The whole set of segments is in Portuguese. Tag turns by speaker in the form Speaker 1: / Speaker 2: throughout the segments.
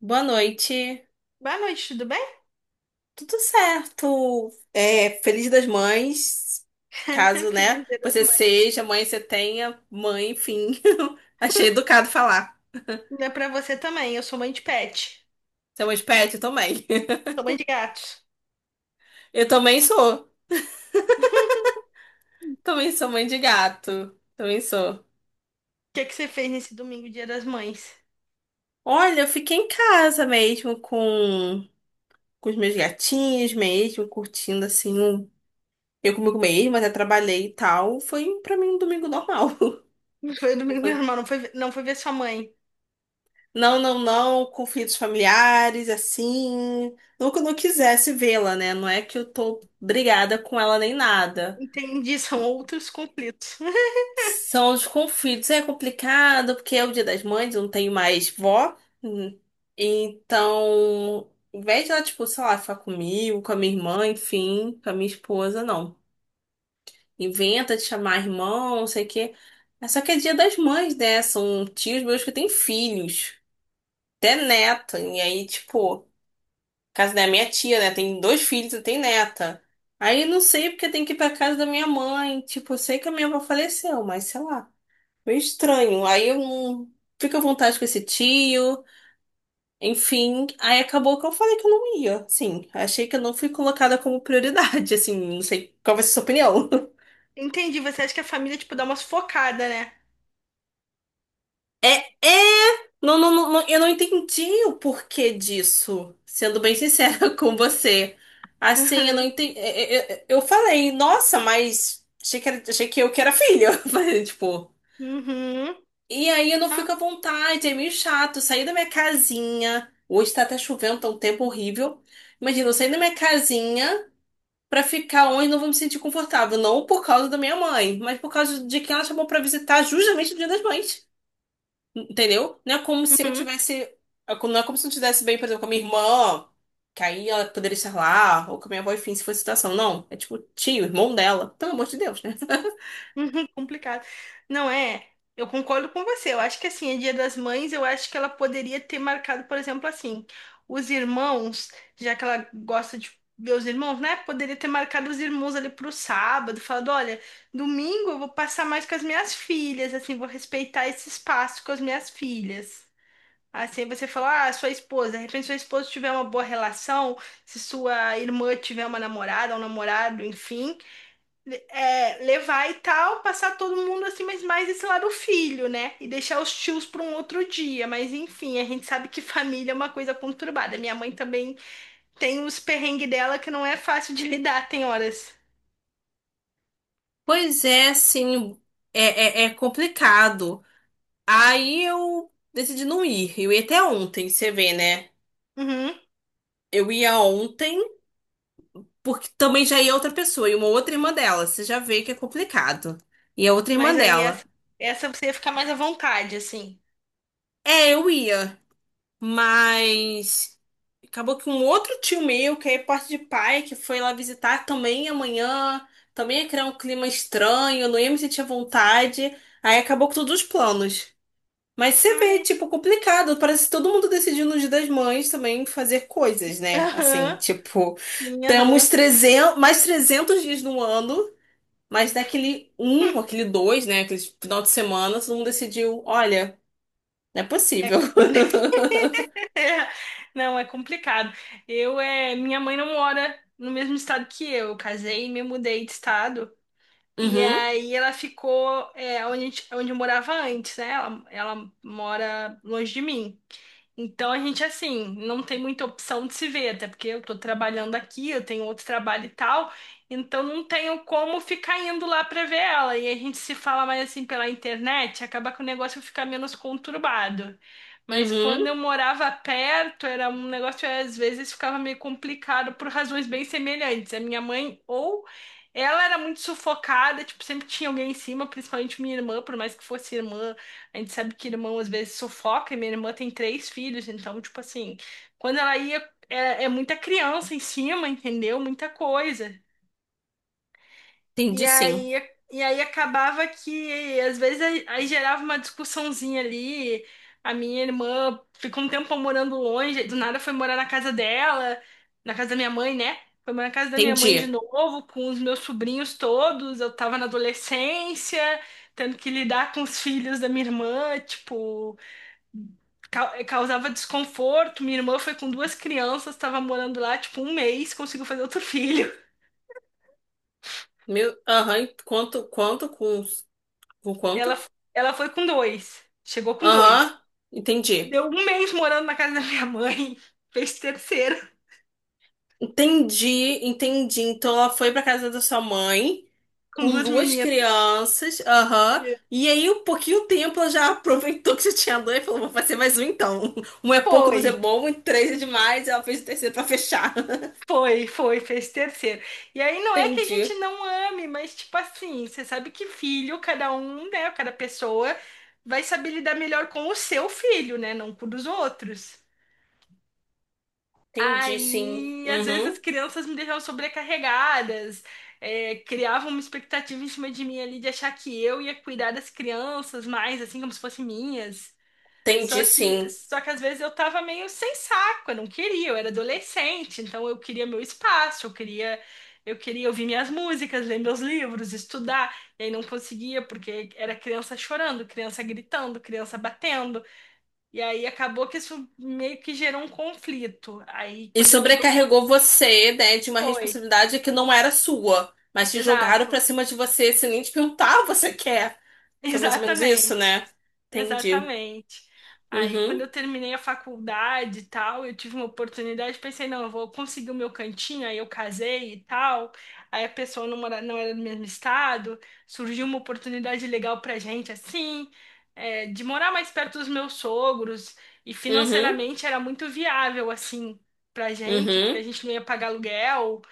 Speaker 1: Boa noite.
Speaker 2: Boa noite, tudo bem?
Speaker 1: Tudo certo? Feliz das Mães, caso, né,
Speaker 2: Feliz Dia das
Speaker 1: você
Speaker 2: Mães.
Speaker 1: seja mãe, você tenha mãe, enfim. Achei educado falar.
Speaker 2: Não é pra você também, eu sou mãe de pet.
Speaker 1: Você é mãe de pet? Eu também.
Speaker 2: Sou mãe de gatos.
Speaker 1: Eu também sou. Também sou mãe de gato. Também sou.
Speaker 2: O que é que você fez nesse domingo, Dia das Mães?
Speaker 1: Olha, eu fiquei em casa mesmo com os meus gatinhos mesmo, curtindo assim, eu comigo mesma, até trabalhei e tal. Foi pra mim um domingo normal.
Speaker 2: Não foi domingo
Speaker 1: Foi.
Speaker 2: normal, não foi, não foi ver sua mãe.
Speaker 1: Não, não, não, conflitos familiares, assim. Não que eu não quisesse vê-la, né? Não é que eu tô brigada com ela nem nada.
Speaker 2: Entendi, são outros conflitos.
Speaker 1: São os conflitos. É complicado, porque é o Dia das Mães, eu não tenho mais vó. Hum. Então, em vez de ela, tipo, sei lá, ficar comigo, com a minha irmã, enfim, com a minha esposa, não. Inventa de chamar irmão, não sei o quê. É só que é Dia das Mães, né? São tios meus que têm filhos, até neta. E aí, tipo. Casa da minha tia, né? Tem dois filhos e tem neta. Aí não sei porque tem que ir pra casa da minha mãe. Tipo, eu sei que a minha avó faleceu, mas sei lá. Meio estranho. Aí eu não fico à vontade com esse tio. Enfim, aí acabou que eu falei que eu não ia. Sim, achei que eu não fui colocada como prioridade. Assim, não sei qual vai ser a sua opinião.
Speaker 2: Entendi, você acha que a família, tipo, dá uma sufocada, né?
Speaker 1: É, é, eu não entendi o porquê disso, sendo bem sincera com você. Assim, eu não entendi. Eu falei, nossa, mas achei que eu que era filho. Eu falei, tipo,
Speaker 2: Uhum. Uhum.
Speaker 1: e aí eu não
Speaker 2: Ah,
Speaker 1: fico à vontade, é meio chato. Sair da minha casinha. Hoje tá até chovendo, tá um tempo horrível. Imagina, eu sair da minha casinha pra ficar onde não vou me sentir confortável. Não por causa da minha mãe, mas por causa de quem ela chamou pra visitar justamente no Dia das Mães. Entendeu? Não é como se eu
Speaker 2: uhum.
Speaker 1: tivesse. Não é como se eu tivesse bem, por exemplo, com a minha irmã, que aí ela poderia estar lá, ou com a minha avó, enfim, se fosse situação. Não. É tipo, tio, irmão dela. Pelo amor de Deus, né?
Speaker 2: Uhum, complicado. Não é? Eu concordo com você. Eu acho que assim, é Dia das Mães, eu acho que ela poderia ter marcado, por exemplo, assim, os irmãos, já que ela gosta de ver os irmãos, né? Poderia ter marcado os irmãos ali pro sábado, falando, olha, domingo eu vou passar mais com as minhas filhas, assim, vou respeitar esse espaço com as minhas filhas. Assim, você fala, ah, sua esposa, de repente sua esposa tiver uma boa relação, se sua irmã tiver uma namorada, um namorado, enfim é, levar e tal, passar todo mundo assim, mas mais esse lado filho, né? E deixar os tios para um outro dia. Mas enfim, a gente sabe que família é uma coisa conturbada. Minha mãe também tem os perrengues dela que não é fácil de lidar, tem horas.
Speaker 1: Pois é, assim, é complicado. Aí eu decidi não ir. Eu ia até ontem, você vê, né?
Speaker 2: Uhum.
Speaker 1: Eu ia ontem, porque também já ia outra pessoa, e uma outra irmã dela. Você já vê que é complicado. E a outra irmã
Speaker 2: Mas aí essa,
Speaker 1: dela.
Speaker 2: essa você ia ficar mais à vontade, assim.
Speaker 1: É, eu ia, mas. Acabou que um outro tio meu, que é parte de pai, que foi lá visitar também amanhã, também ia criar um clima estranho, não ia me sentir à vontade. Aí acabou com todos os planos. Mas você vê,
Speaker 2: Ai,
Speaker 1: tipo, complicado. Parece que todo mundo decidiu no Dia das Mães também fazer coisas, né? Assim,
Speaker 2: aham,
Speaker 1: tipo,
Speaker 2: sim, aham.
Speaker 1: temos 300 mais 300 dias no ano, mas daquele um, aquele dois, né? Aquele final de semana, todo mundo decidiu, olha, não é
Speaker 2: É,
Speaker 1: possível.
Speaker 2: é, não, é complicado. Eu, minha mãe não mora no mesmo estado que eu. Eu casei e me mudei de estado. E
Speaker 1: Uhum,
Speaker 2: aí ela ficou onde, onde eu morava antes, né? Ela mora longe de mim. Então a gente assim, não tem muita opção de se ver, até porque eu tô trabalhando aqui, eu tenho outro trabalho e tal, então não tenho como ficar indo lá pra ver ela. E a gente se fala mais assim pela internet, acaba que o negócio fica menos conturbado. Mas
Speaker 1: uhum.
Speaker 2: quando eu morava perto, era um negócio que às vezes ficava meio complicado por razões bem semelhantes. A minha mãe ou ela era muito sufocada, tipo, sempre tinha alguém em cima, principalmente minha irmã, por mais que fosse irmã. A gente sabe que irmão às vezes sufoca, e minha irmã tem três filhos, então, tipo assim, quando ela ia, é muita criança em cima, entendeu? Muita coisa. E
Speaker 1: Entendi, sim.
Speaker 2: aí, e aí acabava que, às vezes, aí gerava uma discussãozinha ali. A minha irmã ficou um tempo morando longe, do nada foi morar na casa dela, na casa da minha mãe, né? Foi morar na casa da minha mãe de
Speaker 1: Entendi.
Speaker 2: novo, com os meus sobrinhos todos. Eu tava na adolescência, tendo que lidar com os filhos da minha irmã, tipo. Causava desconforto. Minha irmã foi com duas crianças, estava morando lá, tipo, um mês, conseguiu fazer outro filho.
Speaker 1: Meu, aham, com quanto?
Speaker 2: Ela, ela foi com dois, chegou com dois.
Speaker 1: Aham, entendi.
Speaker 2: Deu um mês morando na casa da minha mãe, fez terceiro,
Speaker 1: Entendi, entendi. Então ela foi pra casa da sua mãe
Speaker 2: com
Speaker 1: com
Speaker 2: duas
Speaker 1: duas
Speaker 2: meninas.
Speaker 1: crianças, aham.
Speaker 2: E
Speaker 1: E aí, um pouquinho tempo, ela já aproveitou que já tinha dois e falou: vou fazer mais um então. Um é pouco, dois
Speaker 2: foi,
Speaker 1: é bom, e três é demais. E ela fez o terceiro pra fechar.
Speaker 2: foi, foi, fez terceiro. E aí não é que a gente
Speaker 1: Entendi,
Speaker 2: não ame, mas, tipo assim, você sabe que filho, cada um, né, cada pessoa vai saber lidar melhor com o seu filho, né, não com o dos outros.
Speaker 1: entendi sim.
Speaker 2: Aí, às vezes as
Speaker 1: Uhum,
Speaker 2: crianças me deixavam sobrecarregadas, criavam uma expectativa em cima de mim ali de achar que eu ia cuidar das crianças mais, assim, como se fossem minhas. Só
Speaker 1: entendi
Speaker 2: que,
Speaker 1: sim.
Speaker 2: só que às vezes eu tava meio sem saco, eu não queria, eu era adolescente, então eu queria meu espaço, eu queria ouvir minhas músicas, ler meus livros, estudar, e aí não conseguia, porque era criança chorando, criança gritando, criança batendo. E aí acabou que isso meio que gerou um conflito. Aí
Speaker 1: E
Speaker 2: quando eu tive a
Speaker 1: sobrecarregou você, né, de uma
Speaker 2: foi,
Speaker 1: responsabilidade que não era sua, mas te jogaram
Speaker 2: exato,
Speaker 1: pra cima de você sem nem te perguntar o que você quer. Foi mais ou menos isso,
Speaker 2: exatamente.
Speaker 1: né? Entendi.
Speaker 2: Exatamente. Aí, quando
Speaker 1: Uhum,
Speaker 2: eu terminei a faculdade e tal, eu tive uma oportunidade, pensei, não, eu vou conseguir o meu cantinho, aí eu casei e tal. Aí a pessoa não mora, não era do mesmo estado, surgiu uma oportunidade legal pra gente, assim, é, de morar mais perto dos meus sogros, e
Speaker 1: uhum,
Speaker 2: financeiramente era muito viável, assim, pra gente, porque a
Speaker 1: uhum.
Speaker 2: gente não ia pagar aluguel,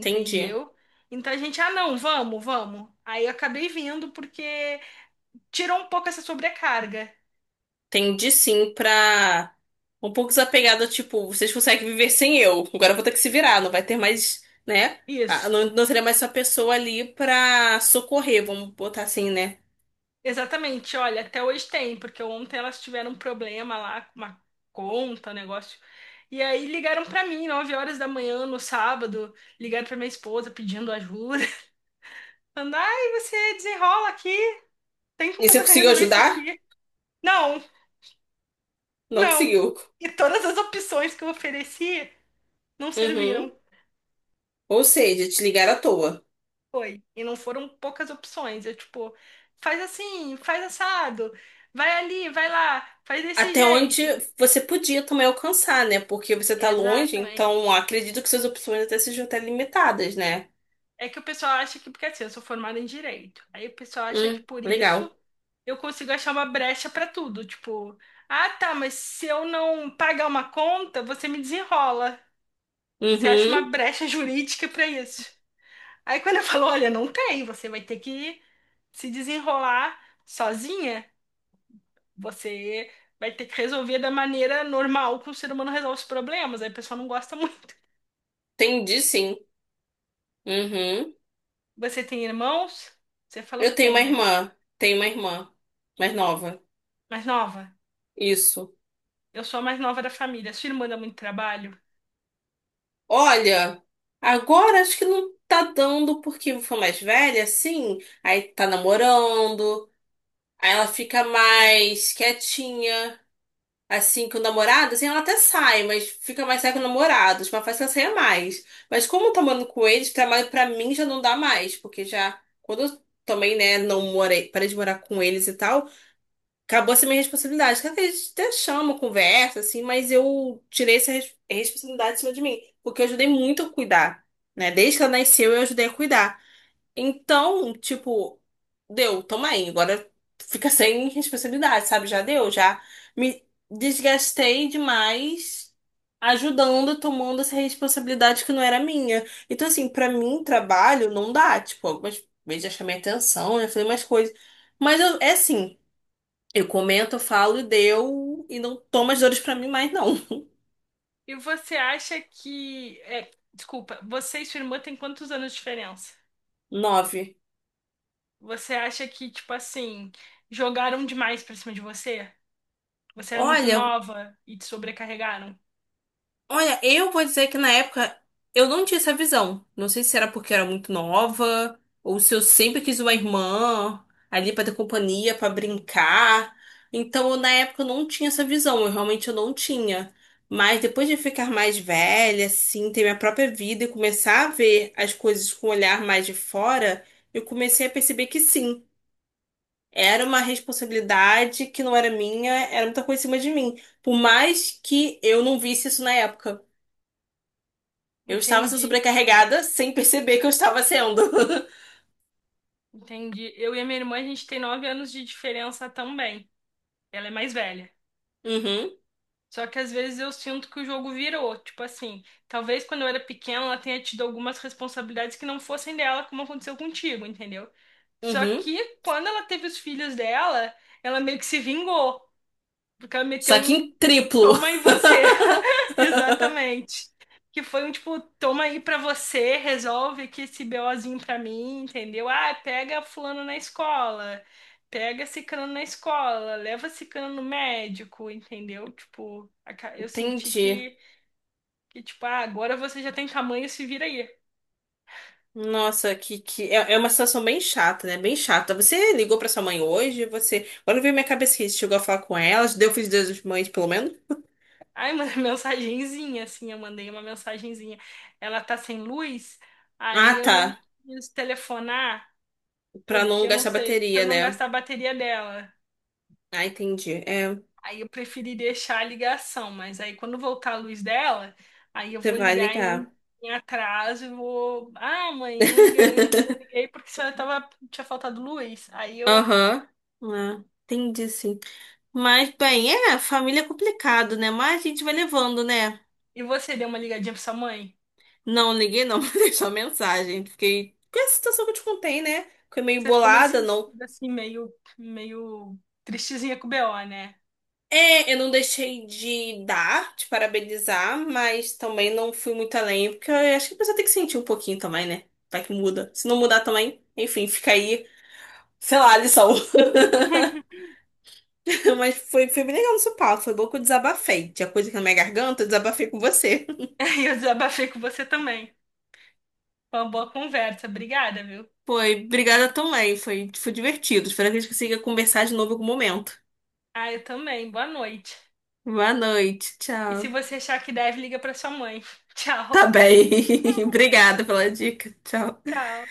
Speaker 1: Entendi.
Speaker 2: Então a gente, ah, não, vamos, vamos. Aí eu acabei vindo porque tirou um pouco essa sobrecarga.
Speaker 1: Entendi sim, pra um pouco desapegada, tipo, vocês conseguem viver sem eu. Agora eu vou ter que se virar, não vai ter mais, né? Ah,
Speaker 2: Isso,
Speaker 1: não, não teria mais essa pessoa ali pra socorrer, vamos botar assim, né?
Speaker 2: exatamente. Olha, até hoje tem, porque ontem elas tiveram um problema lá com uma conta, um negócio. E aí ligaram pra mim, 9 horas da manhã no sábado, ligaram pra minha esposa pedindo ajuda. Falando, ai, você desenrola aqui, tem
Speaker 1: E
Speaker 2: como
Speaker 1: você
Speaker 2: você
Speaker 1: conseguiu
Speaker 2: resolver isso
Speaker 1: ajudar?
Speaker 2: aqui? Não,
Speaker 1: Não
Speaker 2: não.
Speaker 1: conseguiu.
Speaker 2: E todas as opções que eu ofereci não
Speaker 1: Uhum.
Speaker 2: serviram.
Speaker 1: Ou seja, te ligaram à toa.
Speaker 2: Foi. E não foram poucas opções. Eu, tipo, faz assim, faz assado, vai ali, vai lá, faz desse
Speaker 1: Até onde
Speaker 2: jeito.
Speaker 1: você podia também alcançar, né? Porque você tá longe,
Speaker 2: Exatamente.
Speaker 1: então acredito que suas opções até sejam até limitadas, né?
Speaker 2: É que o pessoal acha que, porque assim, eu sou formada em direito. Aí o pessoal acha que por isso
Speaker 1: Legal.
Speaker 2: eu consigo achar uma brecha pra tudo. Tipo, ah, tá, mas se eu não pagar uma conta, você me desenrola. Você acha uma
Speaker 1: Uhum,
Speaker 2: brecha jurídica pra isso. Aí quando eu falo, olha, não tem, você vai ter que se desenrolar sozinha. Você vai ter que resolver da maneira normal que o ser humano resolve os problemas. Aí o pessoal não gosta muito.
Speaker 1: entendi sim. Uhum.
Speaker 2: Você tem irmãos? Você falou
Speaker 1: Eu
Speaker 2: que tem, né?
Speaker 1: tenho uma irmã mais nova.
Speaker 2: Mais nova.
Speaker 1: Isso.
Speaker 2: Eu sou a mais nova da família. Sua irmã dá muito trabalho?
Speaker 1: Olha, agora acho que não tá dando porque foi mais velha, sim. Aí tá namorando, aí ela fica mais quietinha. Assim, com o namorado, assim, ela até sai, mas fica mais sai com o namorado. Tipo, ela faz que ela saia mais. Mas como tá morando com eles, pra mim já não dá mais, porque já, quando eu também, né, não morei, parei de morar com eles e tal, acabou essa minha responsabilidade. Claro que a gente até chama, conversa, assim, mas eu tirei essa responsabilidade de cima de mim, porque eu ajudei muito a cuidar, né? Desde que ela nasceu, eu ajudei a cuidar. Então, tipo, deu, toma aí. Agora fica sem responsabilidade, sabe? Já deu, já me desgastei demais ajudando, tomando essa responsabilidade que não era minha. Então, assim, pra mim, trabalho não dá. Tipo, algumas vezes já chamei atenção, já falei umas coisas. É assim, eu comento, falo e deu, e não tomo as dores pra mim mais, não.
Speaker 2: E você acha que. É, desculpa, você e sua irmã têm quantos anos de diferença?
Speaker 1: Nove.
Speaker 2: Você acha que, tipo assim, jogaram demais pra cima de você? Você era muito
Speaker 1: Olha,
Speaker 2: nova e te sobrecarregaram?
Speaker 1: olha, eu vou dizer que na época eu não tinha essa visão. Não sei se era porque eu era muito nova, ou se eu sempre quis uma irmã ali pra ter companhia, pra brincar. Então, eu, na época eu não tinha essa visão, eu realmente eu não tinha. Mas depois de ficar mais velha, assim, ter minha própria vida e começar a ver as coisas com um olhar mais de fora, eu comecei a perceber que sim, era uma responsabilidade que não era minha, era muita coisa em cima de mim. Por mais que eu não visse isso na época. Eu estava sendo
Speaker 2: Entendi,
Speaker 1: sobrecarregada sem perceber que eu estava sendo.
Speaker 2: entendi. Eu e a minha irmã, a gente tem nove anos de diferença também. Ela é mais velha.
Speaker 1: Uhum,
Speaker 2: Só que às vezes eu sinto que o jogo virou. Tipo assim, talvez quando eu era pequena ela tenha tido algumas responsabilidades que não fossem dela, como aconteceu contigo, entendeu? Só
Speaker 1: uhum.
Speaker 2: que quando ela teve os filhos dela, ela meio que se vingou. Porque ela meteu
Speaker 1: Só que
Speaker 2: um
Speaker 1: em triplo.
Speaker 2: Toma em você. Exatamente. Que foi um tipo, toma aí pra você, resolve aqui esse BOzinho pra mim, entendeu? Ah, pega fulano na escola, pega ciclano na escola, leva ciclano no médico, entendeu? Tipo, eu senti
Speaker 1: Entendi.
Speaker 2: que tipo, ah, agora você já tem tamanho, se vira aí.
Speaker 1: Nossa, que é, é uma situação bem chata, né? Bem chata. Você ligou pra sua mãe hoje? Você. Agora veio minha cabeça que você chegou a falar com ela, deu feliz dia das mães, pelo menos?
Speaker 2: Aí mandei mensagenzinha, assim, eu mandei uma mensagenzinha. Ela tá sem luz, aí
Speaker 1: Ah,
Speaker 2: eu
Speaker 1: tá.
Speaker 2: não quis telefonar,
Speaker 1: Pra não
Speaker 2: porque eu não
Speaker 1: gastar
Speaker 2: sei, pra
Speaker 1: bateria,
Speaker 2: não
Speaker 1: né?
Speaker 2: gastar a bateria dela.
Speaker 1: Ah, entendi. É,
Speaker 2: Aí eu preferi deixar a ligação, mas aí quando voltar a luz dela, aí eu
Speaker 1: você
Speaker 2: vou
Speaker 1: vai
Speaker 2: ligar em,
Speaker 1: ligar.
Speaker 2: em atraso e vou. Ah, mãe, eu não liguei, eu não liguei porque a senhora tava, tinha faltado luz. Aí eu.
Speaker 1: Aham. Ah, entendi, sim. Mas, bem, é, família é complicado, né? Mas a gente vai levando, né?
Speaker 2: E você deu uma ligadinha pra sua mãe?
Speaker 1: Não liguei, não, mas deixou mensagem. Fiquei com essa situação que eu te contei, né? Fiquei meio
Speaker 2: Você ficou meio
Speaker 1: bolada, não.
Speaker 2: sentida, assim, meio tristezinha com o BO, né?
Speaker 1: É, eu não deixei de dar, de parabenizar, mas também não fui muito além, porque eu acho que a pessoa tem que sentir um pouquinho também, né? Vai que muda. Se não mudar também, enfim, fica aí, sei lá, a lição. Mas foi, foi bem legal no seu papo, foi bom que eu desabafei. Tinha coisa aqui na minha garganta, eu desabafei com você.
Speaker 2: E eu desabafei com você também. Foi uma boa conversa, obrigada, viu?
Speaker 1: Foi, obrigada também. Foi, foi divertido. Espero que a gente consiga conversar de novo em algum momento.
Speaker 2: Ah, eu também, boa noite.
Speaker 1: Boa noite,
Speaker 2: E se
Speaker 1: tchau.
Speaker 2: você achar que deve, liga pra sua mãe. Tchau,
Speaker 1: Tá bem. Obrigada pela dica. Tchau.
Speaker 2: tchau.